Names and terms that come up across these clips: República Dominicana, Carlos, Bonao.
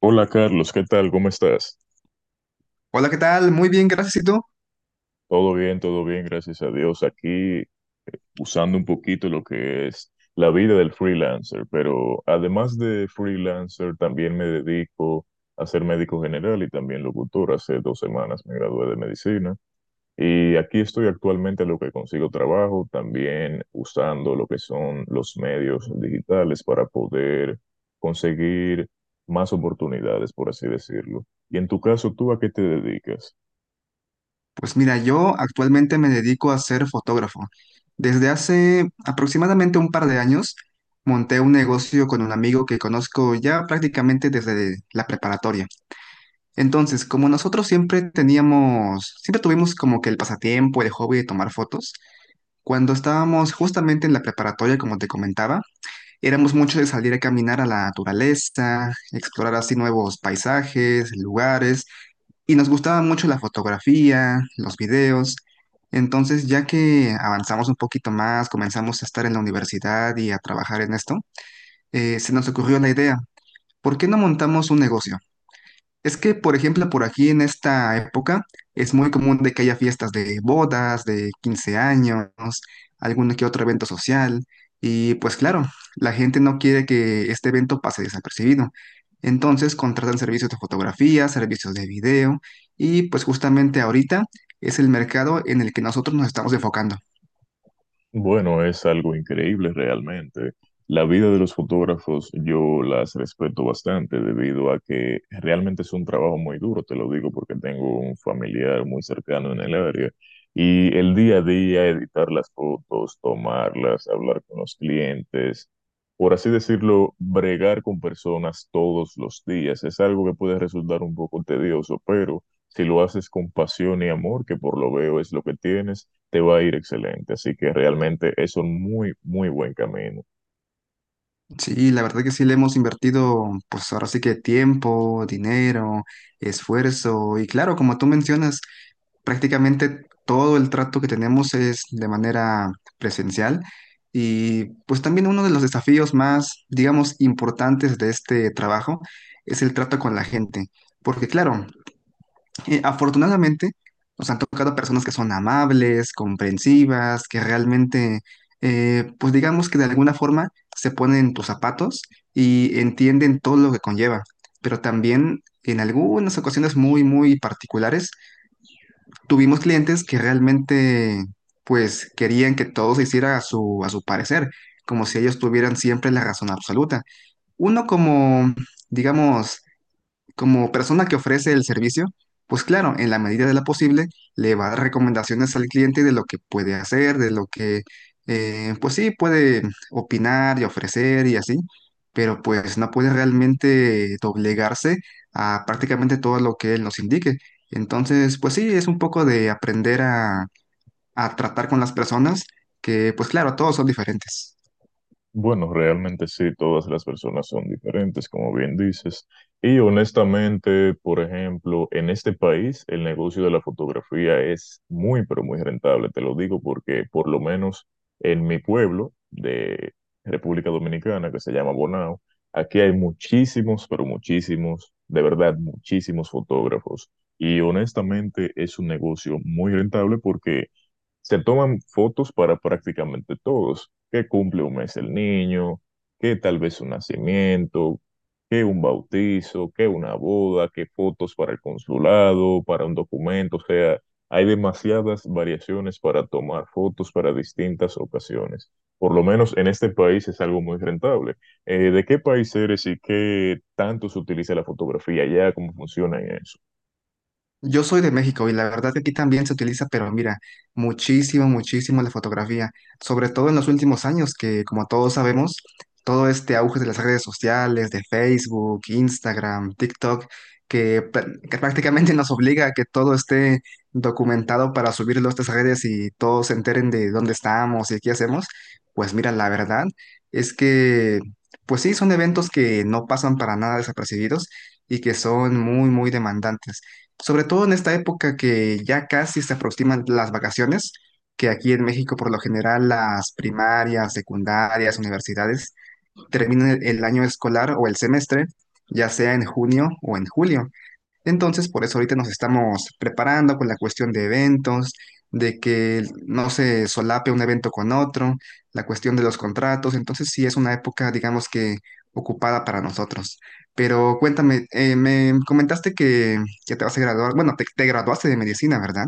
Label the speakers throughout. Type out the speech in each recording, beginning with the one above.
Speaker 1: Hola Carlos, ¿qué tal? ¿Cómo estás?
Speaker 2: Hola, ¿qué tal? Muy bien, gracias. ¿Y tú?
Speaker 1: Todo bien, gracias a Dios. Aquí usando un poquito lo que es la vida del freelancer, pero además de freelancer también me dedico a ser médico general y también locutor. Hace 2 semanas me gradué de medicina y aquí estoy actualmente a lo que consigo trabajo, también usando lo que son los medios digitales para poder conseguir más oportunidades, por así decirlo. Y en tu caso, ¿tú a qué te dedicas?
Speaker 2: Pues mira, yo actualmente me dedico a ser fotógrafo. Desde hace aproximadamente un par de años monté un negocio con un amigo que conozco ya prácticamente desde la preparatoria. Entonces, como nosotros siempre tuvimos como que el pasatiempo, el hobby de tomar fotos, cuando estábamos justamente en la preparatoria, como te comentaba, éramos muchos de salir a caminar a la naturaleza, explorar así nuevos paisajes, lugares. Y nos gustaba mucho la fotografía, los videos. Entonces, ya que avanzamos un poquito más, comenzamos a estar en la universidad y a trabajar en esto, se nos ocurrió la idea, ¿por qué no montamos un negocio? Es que, por ejemplo, por aquí en esta época es muy común de que haya fiestas de bodas, de 15 años, algún que otro evento social. Y pues claro, la gente no quiere que este evento pase desapercibido. Entonces contratan servicios de fotografía, servicios de video y pues justamente ahorita es el mercado en el que nosotros nos estamos enfocando.
Speaker 1: Bueno, es algo increíble realmente. La vida de los fotógrafos yo las respeto bastante debido a que realmente es un trabajo muy duro, te lo digo porque tengo un familiar muy cercano en el área y el día a día editar las fotos, tomarlas, hablar con los clientes, por así decirlo, bregar con personas todos los días es algo que puede resultar un poco tedioso, pero si lo haces con pasión y amor, que por lo veo es lo que tienes, te va a ir excelente. Así que realmente es un muy, muy buen camino.
Speaker 2: Sí, la verdad que sí le hemos invertido pues ahora sí que tiempo, dinero, esfuerzo y claro, como tú mencionas. Prácticamente todo el trato que tenemos es de manera presencial y pues también uno de los desafíos más, digamos, importantes de este trabajo es el trato con la gente, porque claro, afortunadamente nos han tocado personas que son amables, comprensivas, que realmente, pues digamos que de alguna forma se ponen en tus zapatos y entienden todo lo que conlleva, pero también en algunas ocasiones muy, muy particulares tuvimos clientes que realmente pues querían que todo se hiciera a a su parecer, como si ellos tuvieran siempre la razón absoluta. Uno como, digamos, como persona que ofrece el servicio, pues claro, en la medida de lo posible le va a dar recomendaciones al cliente de lo que puede hacer, de lo pues sí, puede opinar y ofrecer y así, pero pues no puede realmente doblegarse a prácticamente todo lo que él nos indique. Entonces, pues sí, es un poco de a tratar con las personas que, pues claro, todos son diferentes.
Speaker 1: Bueno, realmente sí, todas las personas son diferentes, como bien dices. Y honestamente, por ejemplo, en este país el negocio de la fotografía es muy, pero muy rentable. Te lo digo porque por lo menos en mi pueblo de República Dominicana, que se llama Bonao, aquí hay muchísimos, pero muchísimos, de verdad, muchísimos fotógrafos. Y honestamente es un negocio muy rentable porque se toman fotos para prácticamente todos, que cumple un mes el niño, que tal vez un nacimiento, que un bautizo, que una boda, que fotos para el consulado, para un documento, o sea, hay demasiadas variaciones para tomar fotos para distintas ocasiones. Por lo menos en este país es algo muy rentable. ¿De qué país eres y qué tanto se utiliza la fotografía allá? ¿Cómo funciona en eso?
Speaker 2: Yo soy de México y la verdad que aquí también se utiliza, pero mira, muchísimo, muchísimo la fotografía, sobre todo en los últimos años, que como todos sabemos, todo este auge de las redes sociales, de Facebook, Instagram, TikTok, que prácticamente nos obliga a que todo esté documentado para subirlo a estas redes y todos se enteren de dónde estamos y qué hacemos, pues mira, la verdad es que, pues sí, son eventos que no pasan para nada desapercibidos y que son muy, muy demandantes. Sobre todo en esta época que ya casi se aproximan las vacaciones, que aquí en México por lo general las primarias, secundarias, universidades terminan el año escolar o el semestre, ya sea en junio o en julio. Entonces, por eso ahorita nos estamos preparando con la cuestión de eventos, de que no se solape un evento con otro, la cuestión de los contratos. Entonces, sí es una época, digamos que ocupada para nosotros. Pero cuéntame, me comentaste que ya te vas a graduar, bueno, te graduaste de medicina, ¿verdad?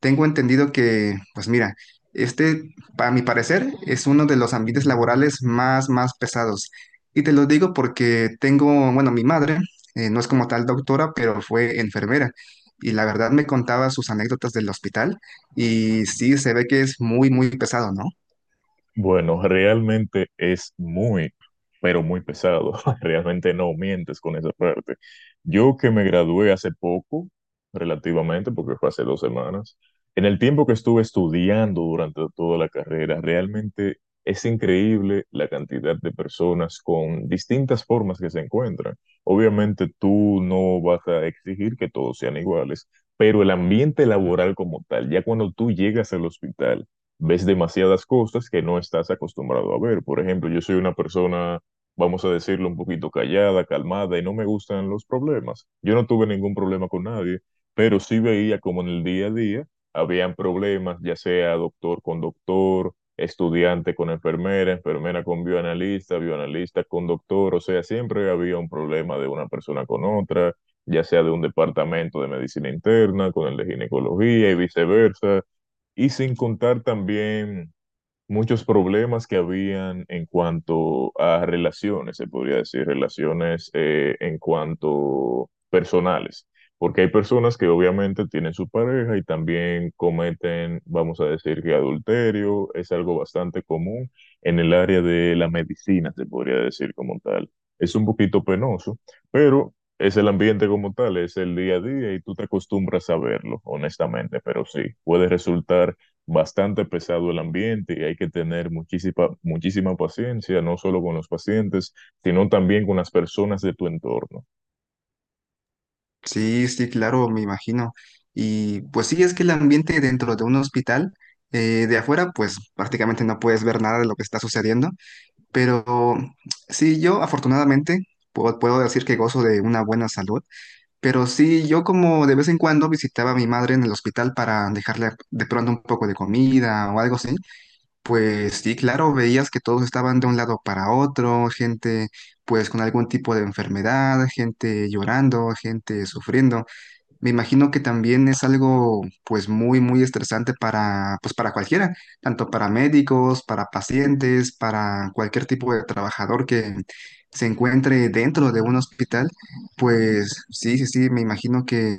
Speaker 2: Tengo entendido que, pues mira, este, para mi parecer, es uno de los ambientes laborales más, más pesados. Y te lo digo porque tengo, bueno, mi madre no es como tal doctora, pero fue enfermera. Y la verdad me contaba sus anécdotas del hospital y sí, se ve que es muy, muy pesado, ¿no?
Speaker 1: Bueno, realmente es muy, pero muy pesado. Realmente no mientes con esa parte. Yo que me gradué hace poco, relativamente, porque fue hace dos semanas, en el tiempo que estuve estudiando durante toda la carrera, realmente es increíble la cantidad de personas con distintas formas que se encuentran. Obviamente tú no vas a exigir que todos sean iguales, pero el ambiente laboral como tal, ya cuando tú llegas al hospital, ves demasiadas cosas que no estás acostumbrado a ver. Por ejemplo, yo soy una persona, vamos a decirlo, un poquito callada, calmada, y no me gustan los problemas. Yo no tuve ningún problema con nadie, pero sí veía como en el día a día habían problemas, ya sea doctor con doctor, estudiante con enfermera, enfermera con bioanalista, bioanalista con doctor, o sea, siempre había un problema de una persona con otra, ya sea de un departamento de medicina interna con el de ginecología y viceversa, y sin contar también muchos problemas que habían en cuanto a relaciones, se podría decir, relaciones en cuanto personales, porque hay personas que obviamente tienen su pareja y también cometen, vamos a decir que adulterio, es algo bastante común en el área de la medicina, se podría decir como tal. Es un poquito penoso, pero es el ambiente como tal, es el día a día y tú te acostumbras a verlo, honestamente, pero sí, puede resultar bastante pesado el ambiente y hay que tener muchísima, muchísima paciencia, no solo con los pacientes, sino también con las personas de tu entorno.
Speaker 2: Sí, sí, claro, me imagino. Y pues sí, es que el ambiente dentro de un hospital, de afuera, pues prácticamente no puedes ver nada de lo que está sucediendo, pero sí, yo afortunadamente puedo decir que gozo de una buena salud, pero sí, yo como de vez en cuando visitaba a mi madre en el hospital para dejarle de pronto un poco de comida o algo así. Pues sí, claro, veías que todos estaban de un lado para otro, gente pues con algún tipo de enfermedad, gente llorando, gente sufriendo. Me imagino que también es algo pues muy, muy estresante para, pues, para cualquiera, tanto para médicos, para pacientes, para cualquier tipo de trabajador que se encuentre dentro de un hospital. Pues sí, sí, sí, me imagino que,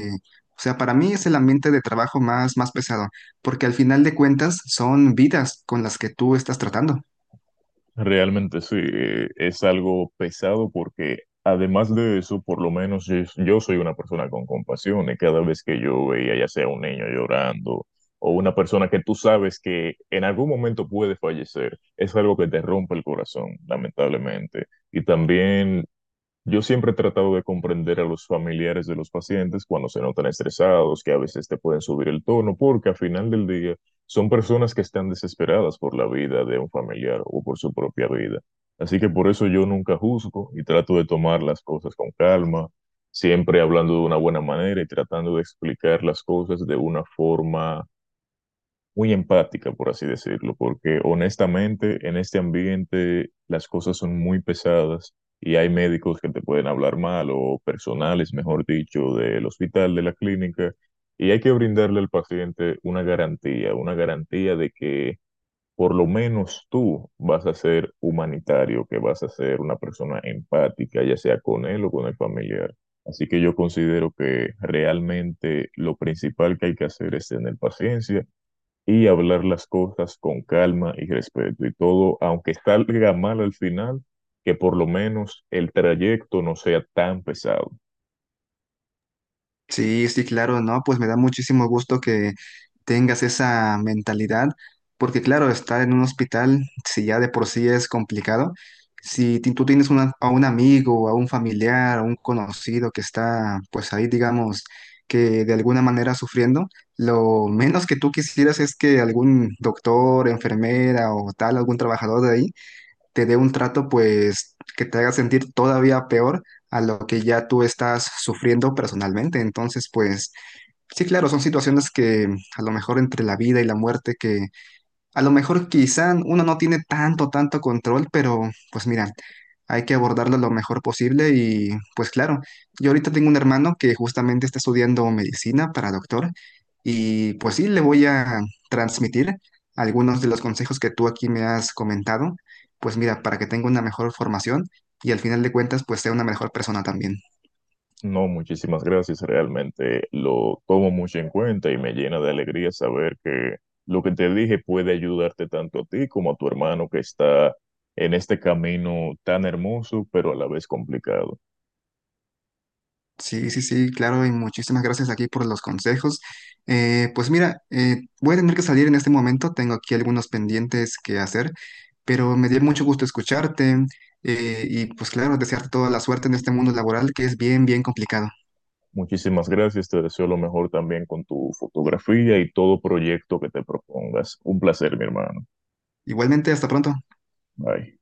Speaker 2: o sea, para mí es el ambiente de trabajo más, más pesado, porque al final de cuentas son vidas con las que tú estás tratando.
Speaker 1: Realmente sí, es algo pesado porque además de eso, por lo menos yo, yo soy una persona con compasión y cada vez que yo veía ya sea un niño llorando o una persona que tú sabes que en algún momento puede fallecer, es algo que te rompe el corazón, lamentablemente. Y también yo siempre he tratado de comprender a los familiares de los pacientes cuando se notan estresados, que a veces te pueden subir el tono, porque al final del día son personas que están desesperadas por la vida de un familiar o por su propia vida. Así que por eso yo nunca juzgo y trato de tomar las cosas con calma, siempre hablando de una buena manera y tratando de explicar las cosas de una forma muy empática, por así decirlo, porque honestamente en este ambiente las cosas son muy pesadas y hay médicos que te pueden hablar mal o personales, mejor dicho, del hospital, de la clínica, y hay que brindarle al paciente una garantía de que por lo menos tú vas a ser humanitario, que vas a ser una persona empática, ya sea con él o con el familiar. Así que yo considero que realmente lo principal que hay que hacer es tener paciencia y hablar las cosas con calma y respeto y todo, aunque salga mal al final, que por lo menos el trayecto no sea tan pesado.
Speaker 2: Sí, sí, claro, ¿no? Pues me da muchísimo gusto que tengas esa mentalidad, porque claro, estar en un hospital, si ya de por sí es complicado, si tú tienes a un amigo, a un familiar, a un conocido que está, pues ahí, digamos, que de alguna manera sufriendo, lo menos que tú quisieras es que algún doctor, enfermera o tal, algún trabajador de ahí te dé un trato pues que te haga sentir todavía peor a lo que ya tú estás sufriendo personalmente. Entonces, pues sí, claro, son situaciones que a lo mejor entre la vida y la muerte que a lo mejor quizá uno no tiene tanto, tanto control, pero pues mira, hay que abordarlo lo mejor posible y pues claro, yo ahorita tengo un hermano que justamente está estudiando medicina para doctor y pues sí, le voy a transmitir algunos de los consejos que tú aquí me has comentado, pues mira, para que tenga una mejor formación y al final de cuentas pues sea una mejor persona también.
Speaker 1: No, muchísimas gracias, realmente lo tomo mucho en cuenta y me llena de alegría saber que lo que te dije puede ayudarte tanto a ti como a tu hermano que está en este camino tan hermoso, pero a la vez complicado.
Speaker 2: Sí, sí, sí, claro, y muchísimas gracias aquí por los consejos. Pues mira, voy a tener que salir en este momento, tengo aquí algunos pendientes que hacer, pero me dio mucho gusto escucharte y pues claro, desearte toda la suerte en este mundo laboral que es bien, bien complicado.
Speaker 1: Muchísimas gracias, te deseo lo mejor también con tu fotografía y todo proyecto que te propongas. Un placer, mi hermano.
Speaker 2: Igualmente, hasta pronto.
Speaker 1: Bye.